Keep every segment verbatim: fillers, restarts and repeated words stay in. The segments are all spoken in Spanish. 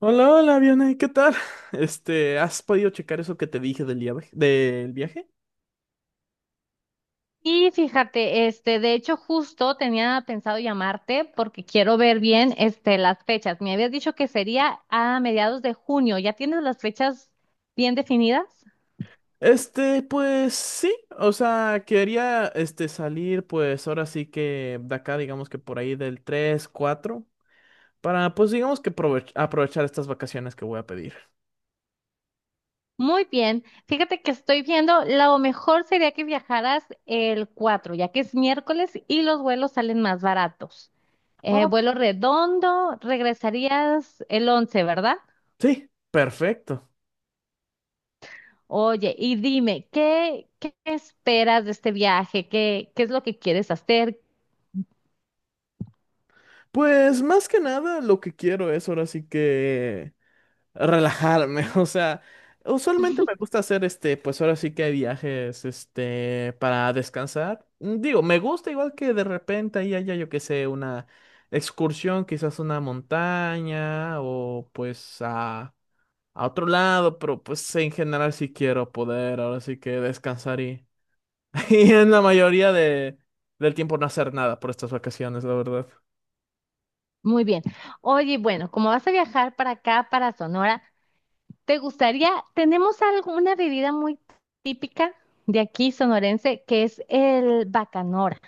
Hola, hola, Vianey, ¿qué tal? Este, ¿has podido checar eso que te dije del viaje? ¿Del viaje? Y fíjate, este, de hecho, justo tenía pensado llamarte porque quiero ver bien, este, las fechas. Me habías dicho que sería a mediados de junio. ¿Ya tienes las fechas bien definidas? Este, pues sí, o sea, quería este salir pues ahora sí que de acá, digamos que por ahí del tres cuatro para pues digamos que provech- aprovechar estas vacaciones que voy a pedir. Muy bien. Fíjate que estoy viendo, lo mejor sería que viajaras el cuatro, ya que es miércoles y los vuelos salen más baratos. Eh, Oh, vuelo redondo, regresarías el once, ¿verdad? sí, perfecto. Oye, y dime, ¿qué, qué esperas de este viaje? ¿Qué, qué es lo que quieres hacer? Pues más que nada lo que quiero es ahora sí que relajarme, o sea, usualmente me gusta hacer este, pues ahora sí que hay viajes, este, para descansar. Mm, digo, me gusta igual que de repente ahí haya, yo qué sé, una excursión, quizás una montaña o pues a, a otro lado, pero pues en general sí quiero poder, ahora sí que descansar y, y en la mayoría de, del tiempo no hacer nada por estas vacaciones, la verdad. Muy bien. Oye, bueno, como vas a viajar para acá, para Sonora, ¿te gustaría, tenemos alguna bebida muy típica de aquí sonorense que es el bacanora?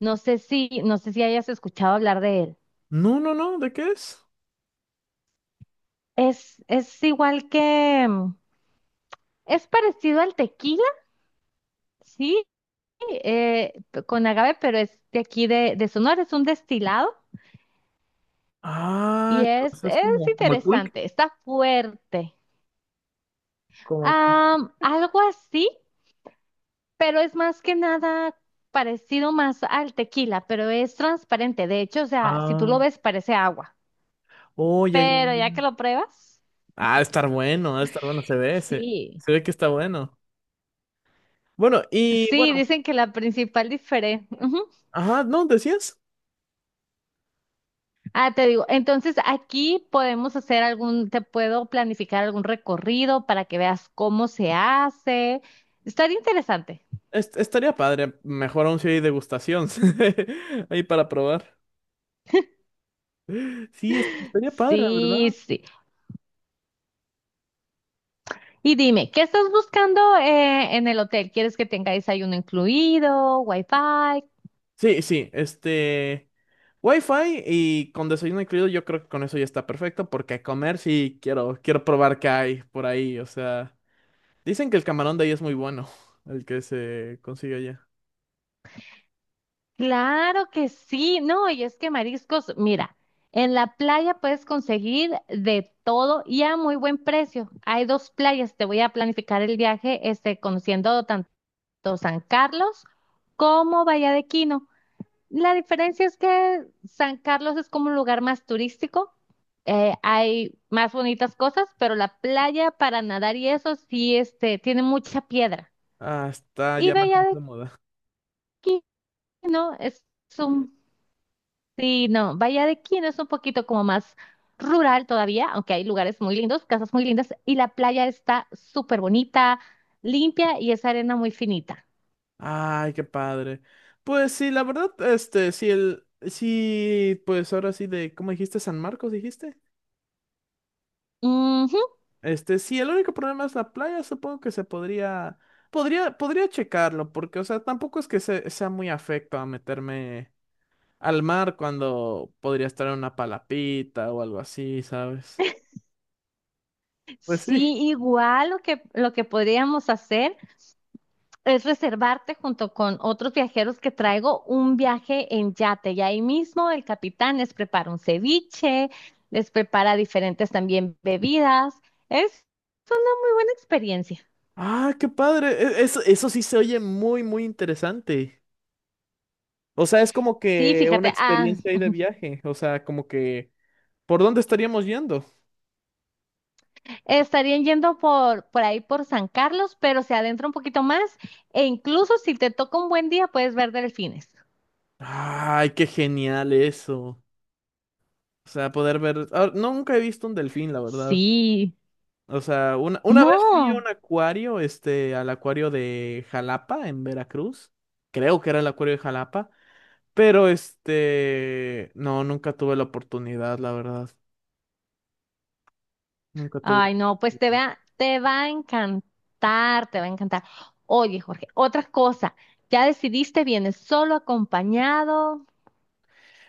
No sé si, no sé si hayas escuchado hablar de él. No, no, no, ¿de qué es? Es, es igual que, mm, es parecido al tequila, sí, eh, p- con agave, pero es de aquí de, de Sonora, es un destilado y Ah, o es, sea, es es como, como el pulque. interesante, está fuerte. Como Am, algo así, pero es más que nada parecido más al tequila, pero es transparente. De hecho, o sea, si tú lo ah, ves, parece agua. oh, ya, ya, Pero ya que ya. lo pruebas, Ah, ha de estar bueno, ha de estar bueno, se ve, se, sí. se ve que está bueno. Bueno, y Sí, bueno, dicen que la principal diferencia. ajá, no, decías, Ah, te digo, entonces aquí podemos hacer algún, te puedo planificar algún recorrido para que veas cómo se hace. Estaría interesante. Est- estaría padre, mejor aún si hay degustación ahí para probar. Sí, est- estaría padre, la Sí, ¿verdad? sí. Y dime, ¿qué estás buscando eh, en el hotel? ¿Quieres que tenga desayuno incluido, wifi? Sí, sí, este, Wi-Fi y con desayuno incluido, yo creo que con eso ya está perfecto, porque a comer sí quiero, quiero probar qué hay por ahí, o sea, dicen que el camarón de ahí es muy bueno, el que se consigue allá. Claro que sí, no, y es que mariscos, mira, en la playa puedes conseguir de todo y a muy buen precio. Hay dos playas, te voy a planificar el viaje, este, conociendo tanto San Carlos como Bahía de Quino. La diferencia es que San Carlos es como un lugar más turístico, eh, hay más bonitas cosas, pero la playa para nadar y eso sí, este, tiene mucha piedra. Ah, está Y ya más Bahía de incómoda. Quino es es un sí, no, Valladolid es un poquito como más rural todavía, aunque hay lugares muy lindos, casas muy lindas, y la playa está súper bonita, limpia y es arena muy finita. Ay, qué padre. Pues sí, la verdad, este, sí, el, sí, pues ahora sí de, ¿cómo dijiste? San Marcos, dijiste. Ujú. Este, sí, el único problema es la playa, supongo que se podría, podría, podría checarlo, porque, o sea, tampoco es que se- sea muy afecto a meterme al mar cuando podría estar en una palapita o algo así, ¿sabes? Pues sí. Sí, igual lo que, lo que podríamos hacer es reservarte junto con otros viajeros que traigo un viaje en yate y ahí mismo el capitán les prepara un ceviche, les prepara diferentes también bebidas. Es muy buena experiencia. Ah, qué padre. E- Eso, eso sí se oye muy, muy interesante. O sea, es como Sí, que una fíjate, ah. experiencia ahí de viaje. O sea, como que ¿por dónde estaríamos yendo? Estarían yendo por, por ahí por San Carlos, pero se adentra un poquito más e incluso si te toca un buen día puedes ver delfines. Ay, qué genial eso. O sea, poder ver. Ah, no, nunca he visto un delfín, la verdad. Sí, O sea, una, una vez fui a no. un acuario, este, al acuario de Jalapa, en Veracruz. Creo que era el acuario de Jalapa. Pero este, no, nunca tuve la oportunidad, la verdad. Nunca tuve. Ay, no, pues te va, te va a encantar, te va a encantar. Oye, Jorge, otra cosa, ya decidiste, vienes solo acompañado.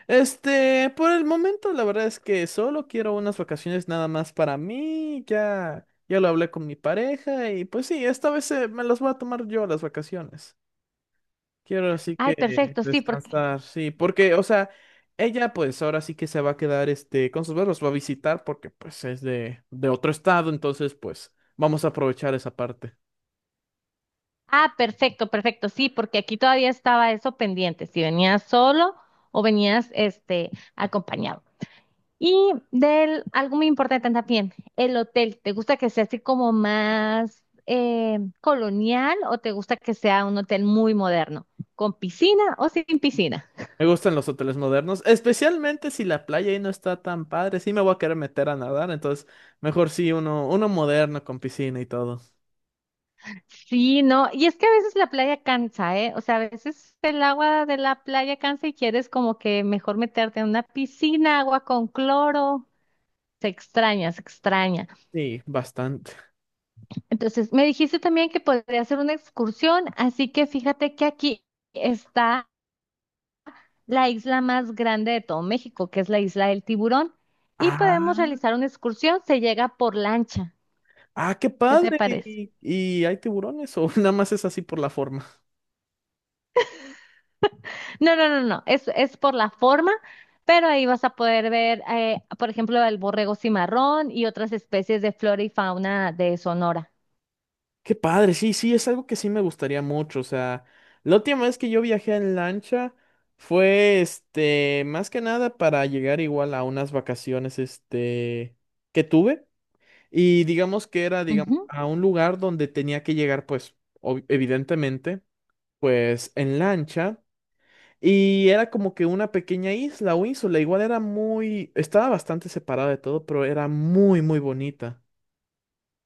Este, por el momento, la verdad es que solo quiero unas vacaciones nada más para mí. Ya, ya lo hablé con mi pareja y pues sí, esta vez eh, me las voy a tomar yo las vacaciones. Quiero así Ay, que perfecto, sí, porque... descansar, sí, porque, o sea, ella pues ahora sí que se va a quedar, este, con sus perros, va a visitar porque pues es de, de otro estado, entonces pues vamos a aprovechar esa parte. Ah, perfecto, perfecto, sí, porque aquí todavía estaba eso pendiente, si venías solo o venías, este, acompañado. Y del, algo muy importante también, el hotel. ¿Te gusta que sea así como más eh, colonial o te gusta que sea un hotel muy moderno? ¿Con piscina o sin piscina? Me gustan los hoteles modernos, especialmente si la playa ahí no está tan padre. Sí me voy a querer meter a nadar, entonces mejor sí uno, uno moderno con piscina y todo. Sí, no. Y es que a veces la playa cansa, ¿eh? O sea, a veces el agua de la playa cansa y quieres como que mejor meterte en una piscina, agua con cloro. Se extraña, se extraña. Sí, bastante. Entonces, me dijiste también que podría hacer una excursión, así que fíjate que aquí está la isla más grande de todo México, que es la isla del Tiburón, y podemos Ah, realizar una excursión, se llega por lancha. ah, qué ¿Qué te padre. parece? ¿Y, y hay tiburones o nada más es así por la forma? No, no, no, no, es, es por la forma, pero ahí vas a poder ver, eh, por ejemplo, el borrego cimarrón y otras especies de flora y fauna de Sonora. Qué padre, sí, sí, es algo que sí me gustaría mucho. O sea, la última vez que yo viajé en lancha fue, este, más que nada para llegar igual a unas vacaciones, este, que tuve. Y digamos que era, digamos, Ujú. a un lugar donde tenía que llegar, pues, ob- evidentemente, pues, en lancha. Y era como que una pequeña isla o ínsula. Igual era muy, estaba bastante separada de todo, pero era muy, muy bonita.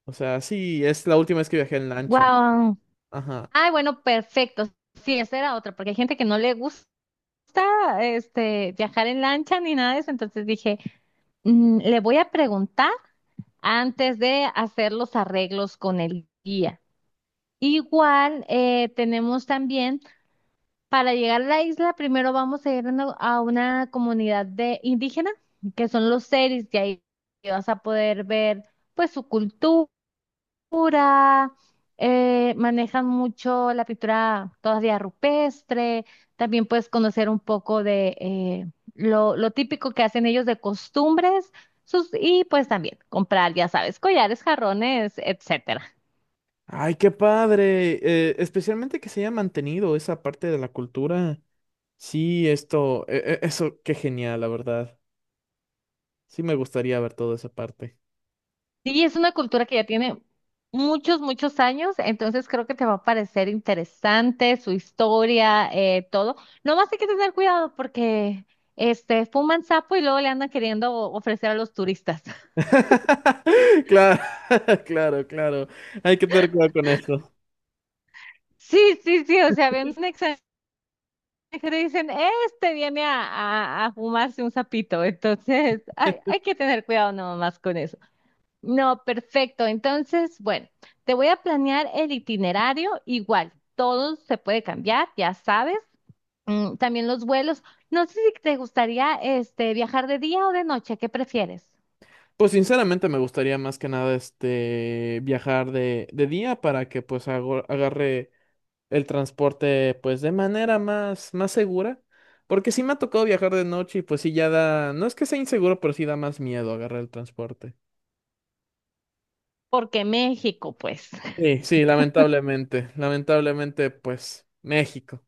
O sea, sí, es la última vez que viajé en lancha. Guau. Ajá. Ay, bueno, perfecto. Sí, esa era otra, porque hay gente que no le gusta este viajar en lancha ni nada de eso. Entonces dije, mm, le voy a preguntar antes de hacer los arreglos con el guía. Igual eh, tenemos también, para llegar a la isla, primero vamos a ir a una a una comunidad de indígena, que son los seris, y ahí vas a poder ver pues su cultura, eh, manejan mucho la pintura todavía rupestre, también puedes conocer un poco de eh, lo, lo típico que hacen ellos de costumbres, sus, y pues también comprar, ya sabes, collares, jarrones, etcétera. Ay, qué padre. Eh, especialmente que se haya mantenido esa parte de la cultura. Sí, esto, e- e- eso, qué genial, la verdad. Sí, me gustaría ver toda esa parte. Sí, es una cultura que ya tiene muchos, muchos años, entonces creo que te va a parecer interesante su historia, eh, todo. Nomás hay que tener cuidado porque este, fuman sapo y luego le andan queriendo o- ofrecer a los turistas. Claro, claro, claro. Hay que tener cuidado con eso. Sí, sí, sí, o sea, ven un extranjero y dicen, este viene a, a- a fumarse un sapito, entonces hay, hay que tener cuidado nomás con eso. No, perfecto, entonces, bueno. Te voy a planear el itinerario igual. Todo se puede cambiar, ya sabes. Mm, también los vuelos. No sé si te gustaría este viajar de día o de noche, ¿qué prefieres? Pues sinceramente me gustaría más que nada este viajar de, de día para que pues ago- agarre el transporte pues de manera más, más segura. Porque sí me ha tocado viajar de noche y pues sí ya da, no es que sea inseguro, pero sí da más miedo agarrar el transporte. Porque México, pues. Sí, sí, lamentablemente, lamentablemente pues México.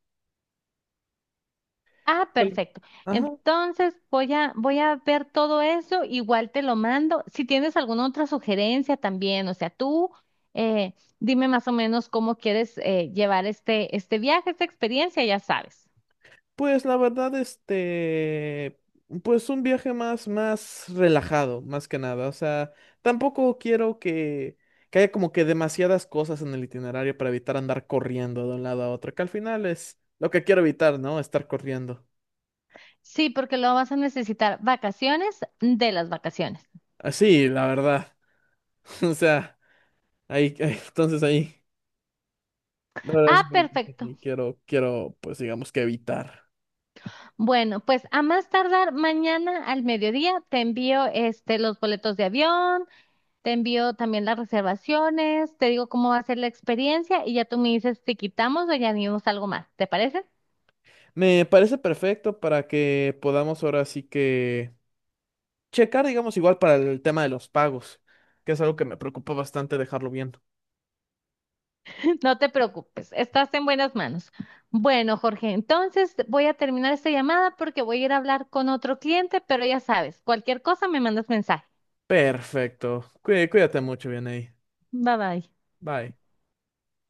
Ah, Tal- perfecto. ajá. Entonces voy a voy a ver todo eso, igual te lo mando. Si tienes alguna otra sugerencia también, o sea, tú eh, dime más o menos cómo quieres eh, llevar este este viaje, esta experiencia, ya sabes. Pues la verdad, este, pues un viaje más, más relajado, más que nada. O sea, tampoco quiero que, que haya como que demasiadas cosas en el itinerario para evitar andar corriendo de un lado a otro, que al final es lo que quiero evitar, ¿no? Estar corriendo. Sí, porque lo vas a necesitar vacaciones de las vacaciones. Así, la verdad. O sea, ahí, ahí- entonces ahí, la verdad es Ah, que perfecto. sí quiero, quiero, pues digamos que evitar. Bueno, pues a más tardar mañana al mediodía te envío este los boletos de avión, te envío también las reservaciones, te digo cómo va a ser la experiencia y ya tú me dices si quitamos o añadimos algo más, ¿te parece? Me parece perfecto para que podamos ahora sí que checar, digamos, igual para el tema de los pagos, que es algo que me preocupa bastante dejarlo viendo. No te preocupes, estás en buenas manos. Bueno, Jorge, entonces voy a terminar esta llamada porque voy a ir a hablar con otro cliente, pero ya sabes, cualquier cosa me mandas mensaje. Perfecto. Cuí- cuídate mucho, bien ahí. Bye bye. Bye.